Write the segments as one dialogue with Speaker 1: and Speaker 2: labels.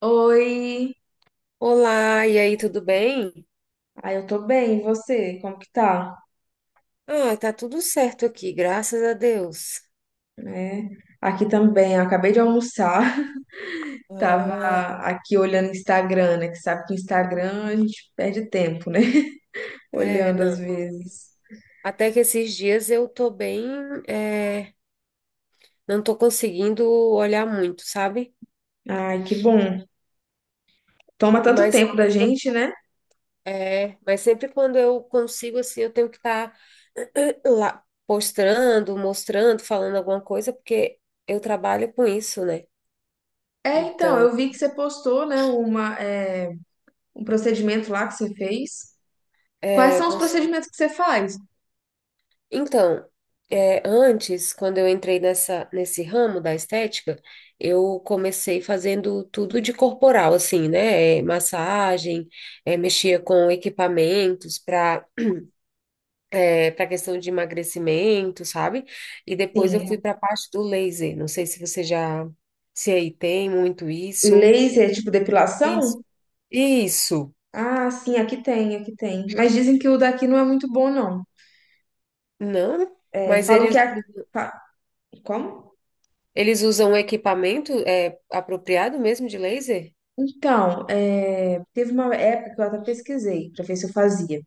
Speaker 1: Oi,
Speaker 2: Olá, e aí, tudo bem?
Speaker 1: eu tô bem, e você? Como que tá?
Speaker 2: Ah, tá tudo certo aqui, graças a Deus.
Speaker 1: É, aqui também, eu acabei de almoçar, tava
Speaker 2: Ah,
Speaker 1: aqui olhando o Instagram, né? Que sabe que Instagram a gente perde tempo, né?
Speaker 2: é,
Speaker 1: Olhando às
Speaker 2: não.
Speaker 1: vezes.
Speaker 2: Até que esses dias eu tô bem, é, não tô conseguindo olhar muito, sabe?
Speaker 1: Ai, que bom. Toma tanto
Speaker 2: Mas,
Speaker 1: tempo da gente, né?
Speaker 2: mas sempre quando eu consigo, assim, eu tenho que estar lá postando, mostrando, falando alguma coisa, porque eu trabalho com isso, né?
Speaker 1: É, então,
Speaker 2: Então,
Speaker 1: eu vi que você postou, né, uma, um procedimento lá que você fez. Quais
Speaker 2: é,
Speaker 1: são os
Speaker 2: pos.
Speaker 1: procedimentos que você faz?
Speaker 2: Então, antes, quando eu entrei nessa, nesse ramo da estética, eu comecei fazendo tudo de corporal, assim, né? Massagem, mexia com equipamentos para questão de emagrecimento, sabe? E depois eu fui
Speaker 1: Sim,
Speaker 2: para a parte do laser. Não sei se você já, se aí tem muito isso.
Speaker 1: laser, tipo
Speaker 2: Isso.
Speaker 1: depilação?
Speaker 2: Isso.
Speaker 1: Ah, sim, aqui tem, aqui tem. Mas dizem que o daqui não é muito bom, não.
Speaker 2: Não,
Speaker 1: É,
Speaker 2: mas
Speaker 1: falam que
Speaker 2: eles,
Speaker 1: a. fa- Como?
Speaker 2: eles usam equipamento apropriado mesmo de laser?
Speaker 1: Então, é, teve uma época que eu até pesquisei pra ver se eu fazia.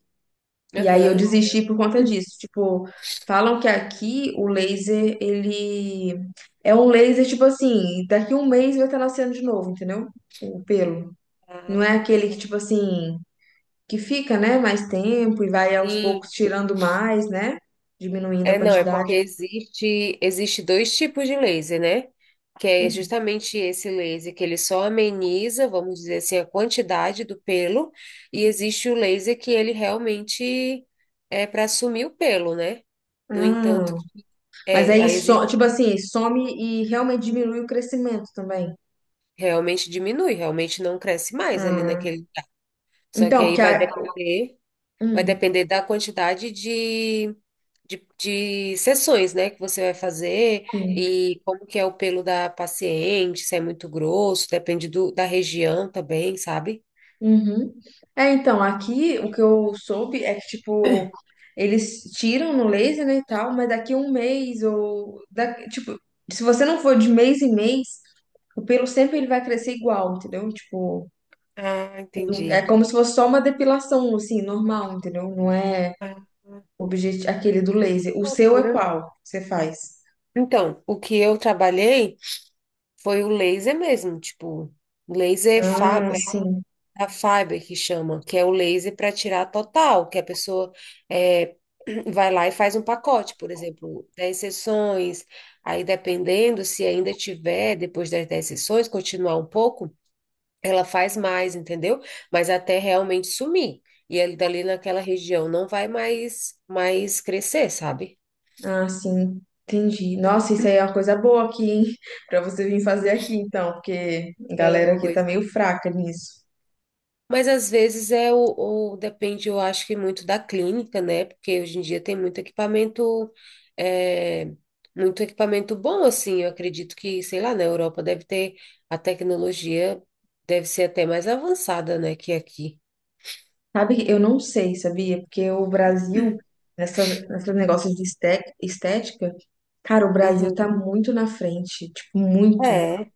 Speaker 1: E aí eu
Speaker 2: Aham.
Speaker 1: desisti por conta disso. Tipo, falam que aqui o laser, ele é um laser, tipo assim, daqui um mês vai estar nascendo de novo, entendeu? O pelo. Não é aquele
Speaker 2: Ah.
Speaker 1: que, tipo assim, que fica, né, mais tempo e vai aos poucos
Speaker 2: Sim,
Speaker 1: tirando mais, né? Diminuindo a
Speaker 2: é não, é porque
Speaker 1: quantidade.
Speaker 2: existe dois tipos de laser, né? Que é justamente esse laser que ele só ameniza, vamos dizer assim, a quantidade do pelo, e existe o laser que ele realmente é para sumir o pelo, né? No entanto,
Speaker 1: Ah, mas
Speaker 2: é,
Speaker 1: aí,
Speaker 2: aí
Speaker 1: so,
Speaker 2: existe,
Speaker 1: tipo assim, some e realmente diminui o crescimento também.
Speaker 2: realmente diminui, realmente não cresce mais ali
Speaker 1: Ah,
Speaker 2: naquele. Só que
Speaker 1: então,
Speaker 2: aí
Speaker 1: porque
Speaker 2: vai
Speaker 1: a...
Speaker 2: depender. Vai
Speaker 1: hum,
Speaker 2: depender da quantidade de sessões, né, que você vai fazer
Speaker 1: sim.
Speaker 2: e como que é o pelo da paciente, se é muito grosso, depende do, da região também, sabe?
Speaker 1: Uhum. É, então, aqui o que eu soube é que, tipo, eles tiram no laser, né, e tal, mas daqui um mês ou... Da... Tipo, se você não for de mês em mês, o pelo sempre ele vai crescer igual, entendeu? Tipo,
Speaker 2: Ah,
Speaker 1: é
Speaker 2: entendi.
Speaker 1: como se fosse só uma depilação, assim, normal, entendeu? Não é
Speaker 2: Ah,
Speaker 1: objet... aquele do
Speaker 2: que
Speaker 1: laser. O seu é
Speaker 2: loucura.
Speaker 1: qual que você faz?
Speaker 2: Então, o que eu trabalhei foi o laser mesmo, tipo, laser fa
Speaker 1: Ah,
Speaker 2: A fiber que chama, que é o laser para tirar total, que a pessoa é, vai lá e faz um pacote, por exemplo, 10 sessões, aí dependendo se ainda tiver, depois das 10 sessões, continuar um pouco, ela faz mais, entendeu? Mas até realmente sumir. E ali dali naquela região não vai mais crescer, sabe?
Speaker 1: ah, sim, entendi. Nossa, isso aí é uma coisa boa aqui, hein? Pra você vir fazer aqui, então, porque a
Speaker 2: É,
Speaker 1: galera aqui tá
Speaker 2: pois.
Speaker 1: meio fraca nisso.
Speaker 2: Mas às vezes é o- depende, eu acho que muito da clínica, né? Porque hoje em dia tem muito equipamento, é, muito equipamento bom, assim. Eu acredito que, sei lá, na Europa deve ter a tecnologia, deve ser até mais avançada, né, que aqui.
Speaker 1: Sabe, eu não sei, sabia? Porque o Brasil, nesse negócio de estética, cara, o Brasil tá
Speaker 2: Uhum.
Speaker 1: muito na frente, tipo, muito.
Speaker 2: É,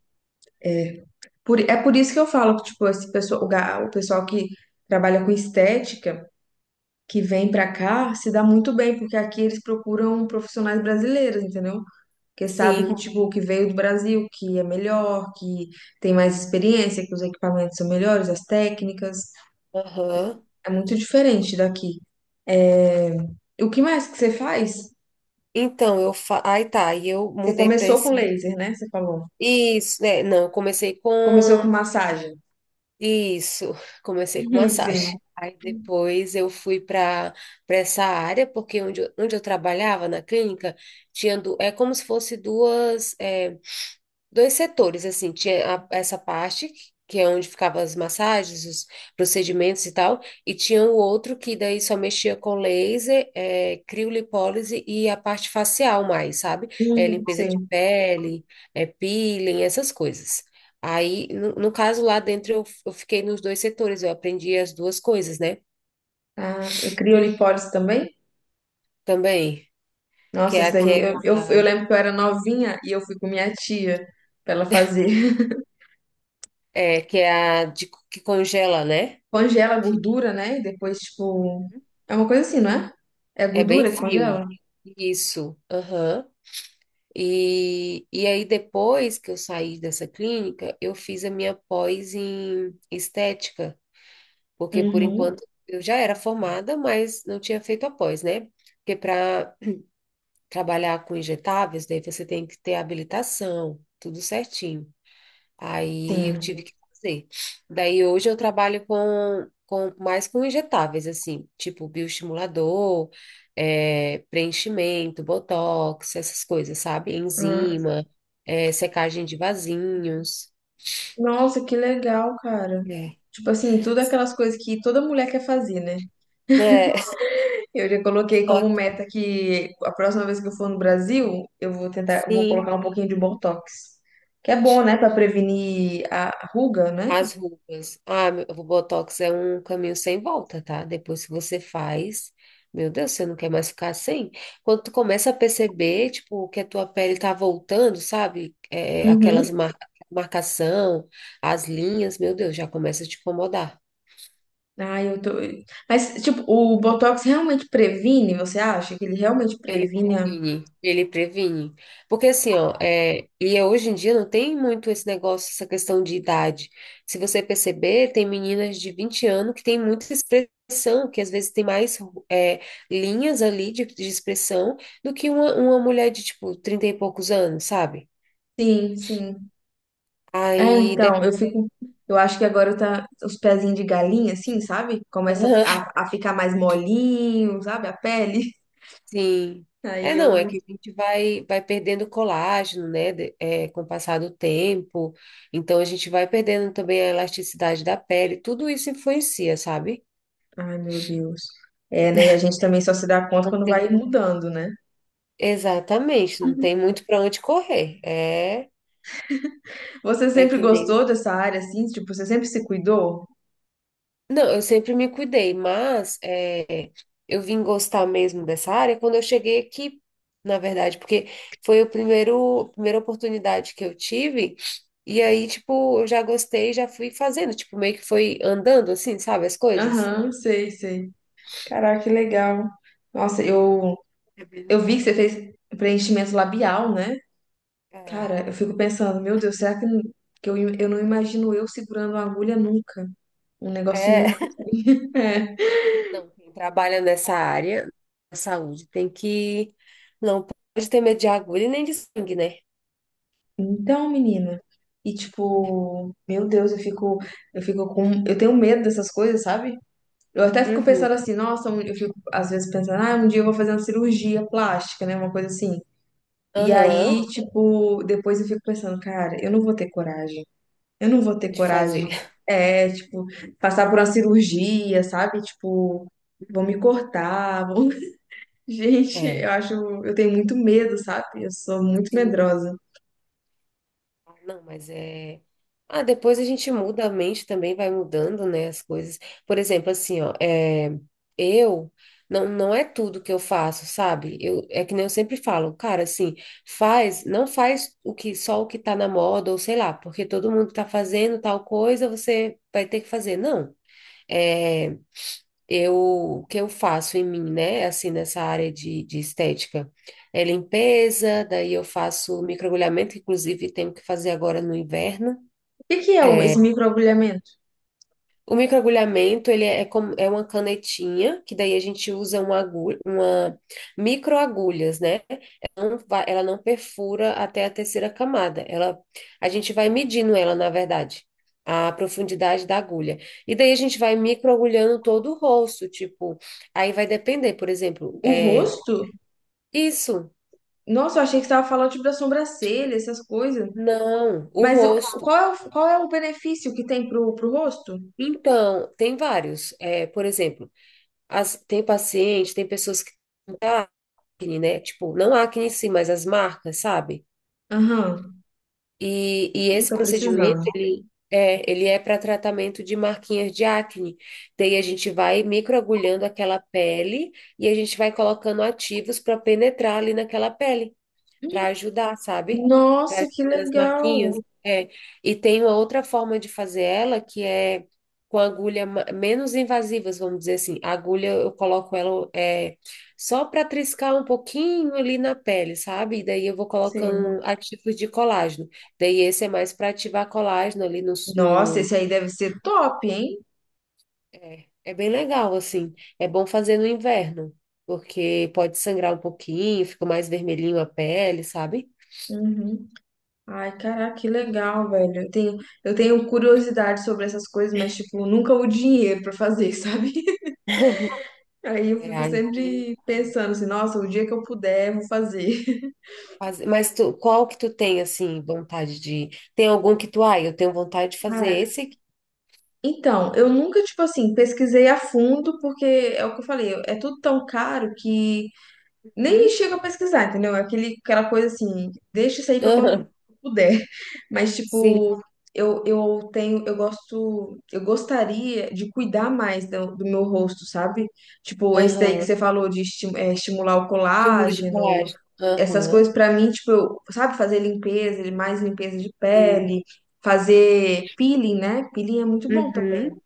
Speaker 1: É é por isso que eu falo que, tipo, esse pessoal, o, o pessoal que trabalha com estética, que vem pra cá, se dá muito bem, porque aqui eles procuram profissionais brasileiros, entendeu? Porque sabe que,
Speaker 2: sim.
Speaker 1: tipo, que veio do Brasil, que é melhor, que tem mais experiência, que os equipamentos são melhores, as técnicas.
Speaker 2: Aham.
Speaker 1: É muito diferente daqui. E o que mais que você faz?
Speaker 2: Então, aí tá, e eu
Speaker 1: Você
Speaker 2: mudei para
Speaker 1: começou com
Speaker 2: esse.
Speaker 1: laser, né? Você falou.
Speaker 2: Isso, né? Não, eu comecei com
Speaker 1: Começou com massagem.
Speaker 2: isso, comecei com massagem.
Speaker 1: Sim.
Speaker 2: Aí depois eu fui para essa área, porque onde eu trabalhava na clínica, é como se fosse duas. Dois setores, assim, essa parte, que é onde ficavam as massagens, os procedimentos e tal, e tinha o outro que daí só mexia com laser, criolipólise e a parte facial mais, sabe? É, limpeza de
Speaker 1: Sim.
Speaker 2: pele, peeling, essas coisas. Aí, no caso lá dentro, eu fiquei nos dois setores, eu aprendi as duas coisas, né?
Speaker 1: Ah, criolipólise também?
Speaker 2: Também, que
Speaker 1: Nossa,
Speaker 2: é
Speaker 1: essa daí,
Speaker 2: aquela,
Speaker 1: eu lembro que eu era novinha e eu fui com minha tia pra ela fazer.
Speaker 2: que é a de, que congela, né?
Speaker 1: Congela a
Speaker 2: Que
Speaker 1: gordura, né? E depois, tipo. É uma coisa assim, não é? É a
Speaker 2: é bem
Speaker 1: gordura que
Speaker 2: frio.
Speaker 1: congela?
Speaker 2: Isso, aham. E aí, depois que eu saí dessa clínica, eu fiz a minha pós em estética, porque por
Speaker 1: Uhum,
Speaker 2: enquanto eu já era formada, mas não tinha feito a pós, né? Porque para trabalhar com injetáveis, daí você tem que ter habilitação, tudo certinho. Aí eu tive
Speaker 1: sim.
Speaker 2: que fazer. Daí hoje eu trabalho com mais com injetáveis, assim, tipo bioestimulador, preenchimento, botox, essas coisas, sabe?
Speaker 1: Ah,
Speaker 2: Enzima, secagem de vasinhos.
Speaker 1: nossa, que legal, cara.
Speaker 2: É.
Speaker 1: Tipo assim, tudo aquelas coisas que toda mulher quer fazer, né?
Speaker 2: É,
Speaker 1: Eu já coloquei
Speaker 2: só
Speaker 1: como
Speaker 2: que
Speaker 1: meta que a próxima vez que eu for no Brasil, eu vou tentar, eu vou
Speaker 2: sim.
Speaker 1: colocar um pouquinho de Botox. Que é bom, né, pra prevenir a ruga, né?
Speaker 2: As rugas. Ah, o Botox é um caminho sem volta, tá? Depois que você faz, meu Deus, você não quer mais ficar sem. Quando tu começa a perceber, tipo, que a tua pele tá voltando, sabe?
Speaker 1: Uhum.
Speaker 2: Aquelas marcação, as linhas, meu Deus, já começa a te incomodar.
Speaker 1: Ah, eu tô. Mas, tipo, o Botox realmente previne? Você acha que ele realmente
Speaker 2: Ele
Speaker 1: previne? A-
Speaker 2: previne, ele previne. Porque assim, ó, é hoje em dia não tem muito esse negócio, essa questão de idade. Se você perceber, tem meninas de 20 anos que têm muita expressão, que às vezes tem mais é, linhas ali de expressão do que uma mulher de, tipo, 30 e poucos anos, sabe?
Speaker 1: Sim, sim. É,
Speaker 2: Aí
Speaker 1: então, eu
Speaker 2: depende.
Speaker 1: fico. Eu acho que agora tá os pezinhos de galinha, assim, sabe? Começa a ficar mais molinho, sabe? A pele.
Speaker 2: Sim. É,
Speaker 1: Aí
Speaker 2: não, é
Speaker 1: eu.
Speaker 2: que a gente vai perdendo colágeno, né, com o passar do tempo. Então, a gente vai perdendo também a elasticidade da pele. Tudo isso influencia, sabe?
Speaker 1: Ai, meu Deus. É, né? E a gente também só se dá conta
Speaker 2: Não
Speaker 1: quando vai
Speaker 2: tem.
Speaker 1: mudando, né?
Speaker 2: Exatamente, não tem muito para onde correr. É,
Speaker 1: Você
Speaker 2: é
Speaker 1: sempre
Speaker 2: que nem.
Speaker 1: gostou dessa área, assim? Tipo, você sempre se cuidou?
Speaker 2: Não, eu sempre me cuidei, mas eu vim gostar mesmo dessa área quando eu cheguei aqui, na verdade, porque foi o primeiro, a primeira oportunidade que eu tive, e aí, tipo, eu já gostei, já fui fazendo, tipo, meio que foi andando, assim, sabe, as coisas.
Speaker 1: Aham, sei, sei. Caraca, que legal. Nossa,
Speaker 2: É bem
Speaker 1: eu vi que
Speaker 2: legal.
Speaker 1: você fez preenchimento labial, né?
Speaker 2: É,
Speaker 1: Cara, eu fico pensando, meu Deus, será que, eu não imagino eu segurando uma agulha nunca? Um negócio nunca.
Speaker 2: é,
Speaker 1: É.
Speaker 2: não, quem trabalha nessa área da saúde tem que, não pode ter medo de agulha nem de sangue, né?
Speaker 1: Então, menina. E tipo, meu Deus, eu fico, eu tenho medo dessas coisas, sabe? Eu até fico
Speaker 2: Uhum,
Speaker 1: pensando assim, nossa, eu fico às vezes pensando, ah, um dia eu vou fazer uma cirurgia plástica, né, uma coisa assim. E
Speaker 2: aham,
Speaker 1: aí, tipo, depois eu fico pensando, cara, eu não vou ter coragem. Eu não vou ter
Speaker 2: de
Speaker 1: coragem.
Speaker 2: fazer.
Speaker 1: É, tipo, passar por uma cirurgia, sabe? Tipo, vão me cortar, vão... Gente, eu acho, eu tenho muito medo, sabe? Eu sou muito
Speaker 2: É.
Speaker 1: medrosa.
Speaker 2: Ah, não, mas é. Ah, depois a gente muda a mente também, vai mudando, né, as coisas. Por exemplo, assim, ó, eu não é tudo que eu faço, sabe? É que nem eu sempre falo, cara, assim, faz, não faz o que só o que tá na moda, ou sei lá, porque todo mundo tá fazendo tal coisa, você vai ter que fazer. Não. É, o que eu faço em mim, né? Assim, nessa área de estética. É limpeza, daí eu faço microagulhamento, inclusive tenho que fazer agora no inverno.
Speaker 1: O que que é esse microagulhamento?
Speaker 2: O microagulhamento, ele é, como, é uma canetinha, que daí a gente usa uma agulha, uma microagulhas, né? Ela não perfura até a terceira camada. A gente vai medindo ela, na verdade, a profundidade da agulha. E daí a gente vai microagulhando todo o rosto, tipo, aí vai depender, por exemplo,
Speaker 1: O rosto?
Speaker 2: isso,
Speaker 1: Nossa, eu achei que você estava falando tipo da sobrancelha, essas coisas.
Speaker 2: não, o
Speaker 1: Mas
Speaker 2: rosto.
Speaker 1: qual é qual é o benefício que tem pro rosto?
Speaker 2: Então, tem vários. Por exemplo, tem paciente, tem pessoas acne, né? Tipo, não a acne em si, mas as marcas, sabe?
Speaker 1: Aham.
Speaker 2: E
Speaker 1: Ih,
Speaker 2: esse
Speaker 1: tô
Speaker 2: procedimento,
Speaker 1: precisando.
Speaker 2: ele é para tratamento de marquinhas de acne. Daí a gente vai microagulhando aquela pele e a gente vai colocando ativos para penetrar ali naquela pele para ajudar, sabe? Para
Speaker 1: Nossa, que
Speaker 2: ajudar as marquinhas.
Speaker 1: legal.
Speaker 2: É. E tem uma outra forma de fazer ela que é com agulha menos invasivas, vamos dizer assim. A agulha eu coloco ela só para triscar um pouquinho ali na pele, sabe? E daí eu vou colocando
Speaker 1: Sim.
Speaker 2: ativos de colágeno. Daí esse é mais para ativar colágeno ali no,
Speaker 1: Nossa,
Speaker 2: no...
Speaker 1: esse aí deve ser top, hein?
Speaker 2: É bem legal, assim. É bom fazer no inverno, porque pode sangrar um pouquinho, fica mais vermelhinho a pele, sabe?
Speaker 1: Uhum. Ai, caraca, que legal, velho. Eu tenho curiosidade sobre essas coisas, mas, tipo, nunca o dinheiro pra fazer, sabe? Aí eu
Speaker 2: É,
Speaker 1: fico
Speaker 2: aí tem
Speaker 1: sempre
Speaker 2: vários.
Speaker 1: pensando assim, nossa, o dia que eu puder, eu vou fazer.
Speaker 2: Mas tu, qual que tu tem, assim, vontade de... Tem algum que tu, eu tenho vontade de fazer
Speaker 1: Cara,
Speaker 2: esse aqui.
Speaker 1: então, eu nunca, tipo assim, pesquisei a fundo, porque é o que eu falei, é tudo tão caro que nem
Speaker 2: Hum?
Speaker 1: chega a pesquisar, entendeu? É aquele, aquela coisa assim, deixa isso aí pra quando
Speaker 2: Aham,
Speaker 1: puder. Mas,
Speaker 2: sim,
Speaker 1: tipo, eu gosto, eu gostaria de cuidar mais do, do meu rosto, sabe? Tipo, esse daí que você
Speaker 2: aham.
Speaker 1: falou de estimular o
Speaker 2: De mundo de
Speaker 1: colágeno,
Speaker 2: colagem.
Speaker 1: essas
Speaker 2: Aham,
Speaker 1: coisas pra mim, tipo, eu, sabe, fazer limpeza, mais limpeza de
Speaker 2: sim.
Speaker 1: pele, fazer peeling, né? Peeling é muito bom.
Speaker 2: Uhum.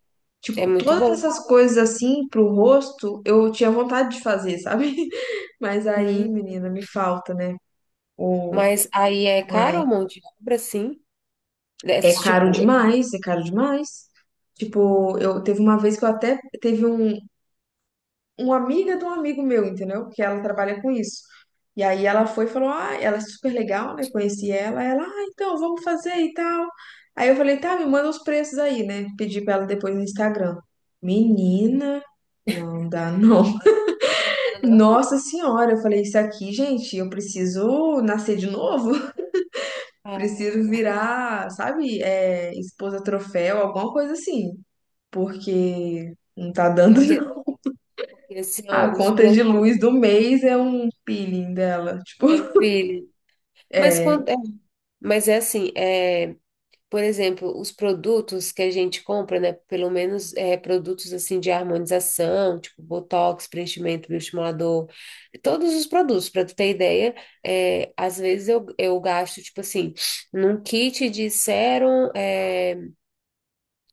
Speaker 2: É
Speaker 1: Tipo,
Speaker 2: muito
Speaker 1: todas
Speaker 2: bom,
Speaker 1: essas coisas assim pro rosto, eu tinha vontade de fazer, sabe? Mas aí,
Speaker 2: sim.
Speaker 1: menina, me falta, né? O
Speaker 2: Mas aí é
Speaker 1: olha,
Speaker 2: caro um monte de obra, sim?
Speaker 1: é
Speaker 2: Desse
Speaker 1: caro
Speaker 2: tipo...
Speaker 1: demais, é caro demais. Tipo, eu teve uma vez que eu até teve uma amiga de um amigo meu, entendeu? Que ela trabalha com isso. E aí ela foi e falou: "Ah, ela é super legal, né? Conheci ela". Ela: "Ah, então vamos fazer e tal". Aí eu falei: "Tá, me manda os preços aí, né?" Pedi pra ela depois no Instagram. Menina, não dá, não. Nossa senhora, eu falei, isso aqui, gente, eu preciso nascer de novo,
Speaker 2: Ah,
Speaker 1: preciso virar, sabe, é, esposa troféu, alguma coisa assim, porque não tá dando.
Speaker 2: pior que,
Speaker 1: Não.
Speaker 2: porque assim,
Speaker 1: A
Speaker 2: ó, os
Speaker 1: conta de luz
Speaker 2: produtos
Speaker 1: do mês é um peeling dela, tipo,
Speaker 2: é um filho. Mas, quando,
Speaker 1: é,
Speaker 2: mas é assim, é. Por exemplo, os produtos que a gente compra, né? Pelo menos produtos assim de harmonização, tipo botox, preenchimento, bioestimulador, todos os produtos, para tu ter ideia, às vezes eu gasto, tipo assim, num kit de sérum,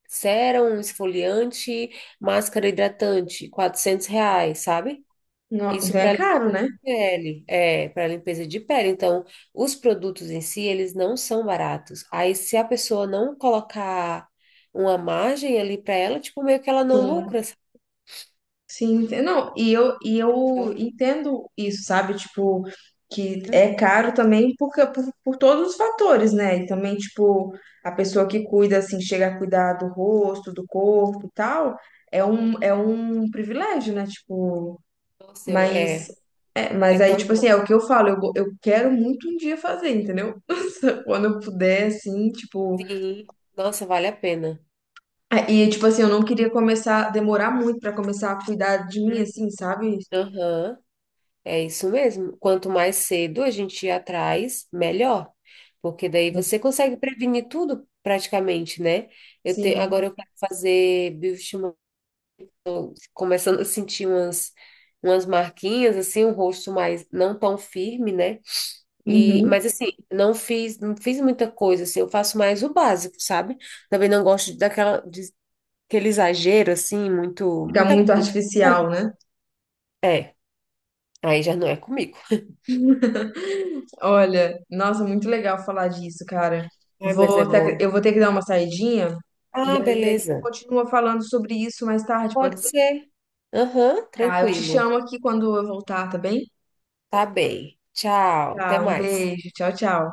Speaker 2: sérum, esfoliante, máscara hidratante, R$ 400, sabe? Isso
Speaker 1: então é caro, né?
Speaker 2: Para limpeza de pele. Então, os produtos em si, eles não são baratos. Aí, se a pessoa não colocar uma margem ali para ela, tipo, meio que ela não
Speaker 1: Tem
Speaker 2: lucra, sabe?
Speaker 1: sim, não, e eu
Speaker 2: Realmente.
Speaker 1: entendo isso, sabe? Tipo, que
Speaker 2: Hum.
Speaker 1: é caro também porque, por todos os fatores, né? E também, tipo, a pessoa que cuida, assim, chega a cuidar do rosto, do corpo e tal, é é um privilégio, né? Tipo,
Speaker 2: Nossa,
Speaker 1: mas, é, mas
Speaker 2: é
Speaker 1: aí,
Speaker 2: tão
Speaker 1: tipo assim,
Speaker 2: bom.
Speaker 1: é o que eu falo, eu, eu quero muito um dia fazer, entendeu? Quando eu puder, assim, tipo.
Speaker 2: Sim. Nossa, vale a pena.
Speaker 1: E, tipo assim, eu não queria começar, demorar muito pra começar a cuidar de mim,
Speaker 2: Hum.
Speaker 1: assim, sabe?
Speaker 2: Aham, é isso mesmo. Quanto mais cedo a gente ir atrás, melhor. Porque daí você consegue prevenir tudo praticamente, né?
Speaker 1: Sim.
Speaker 2: Agora eu quero fazer começando a sentir umas marquinhas, assim, um rosto mais não tão firme, né? E,
Speaker 1: Uhum.
Speaker 2: mas assim, não fiz muita coisa, assim, eu faço mais o básico, sabe? Também não gosto aquele exagero, assim, muito,
Speaker 1: Fica
Speaker 2: muita,
Speaker 1: muito
Speaker 2: muito,
Speaker 1: artificial, né?
Speaker 2: é, aí já não é comigo.
Speaker 1: Olha, nossa, muito legal falar disso, cara.
Speaker 2: Ai, mas é
Speaker 1: Vou ter,
Speaker 2: bom.
Speaker 1: eu vou ter que dar uma saidinha e
Speaker 2: Ah,
Speaker 1: aí a gente
Speaker 2: beleza.
Speaker 1: continua falando sobre isso mais tarde,
Speaker 2: Pode
Speaker 1: pode ser?
Speaker 2: ser. Aham,
Speaker 1: Tá, eu te
Speaker 2: tranquilo.
Speaker 1: chamo aqui quando eu voltar, tá bem?
Speaker 2: Tá bem. Tchau, até
Speaker 1: Tá, um
Speaker 2: mais.
Speaker 1: beijo, tchau, tchau.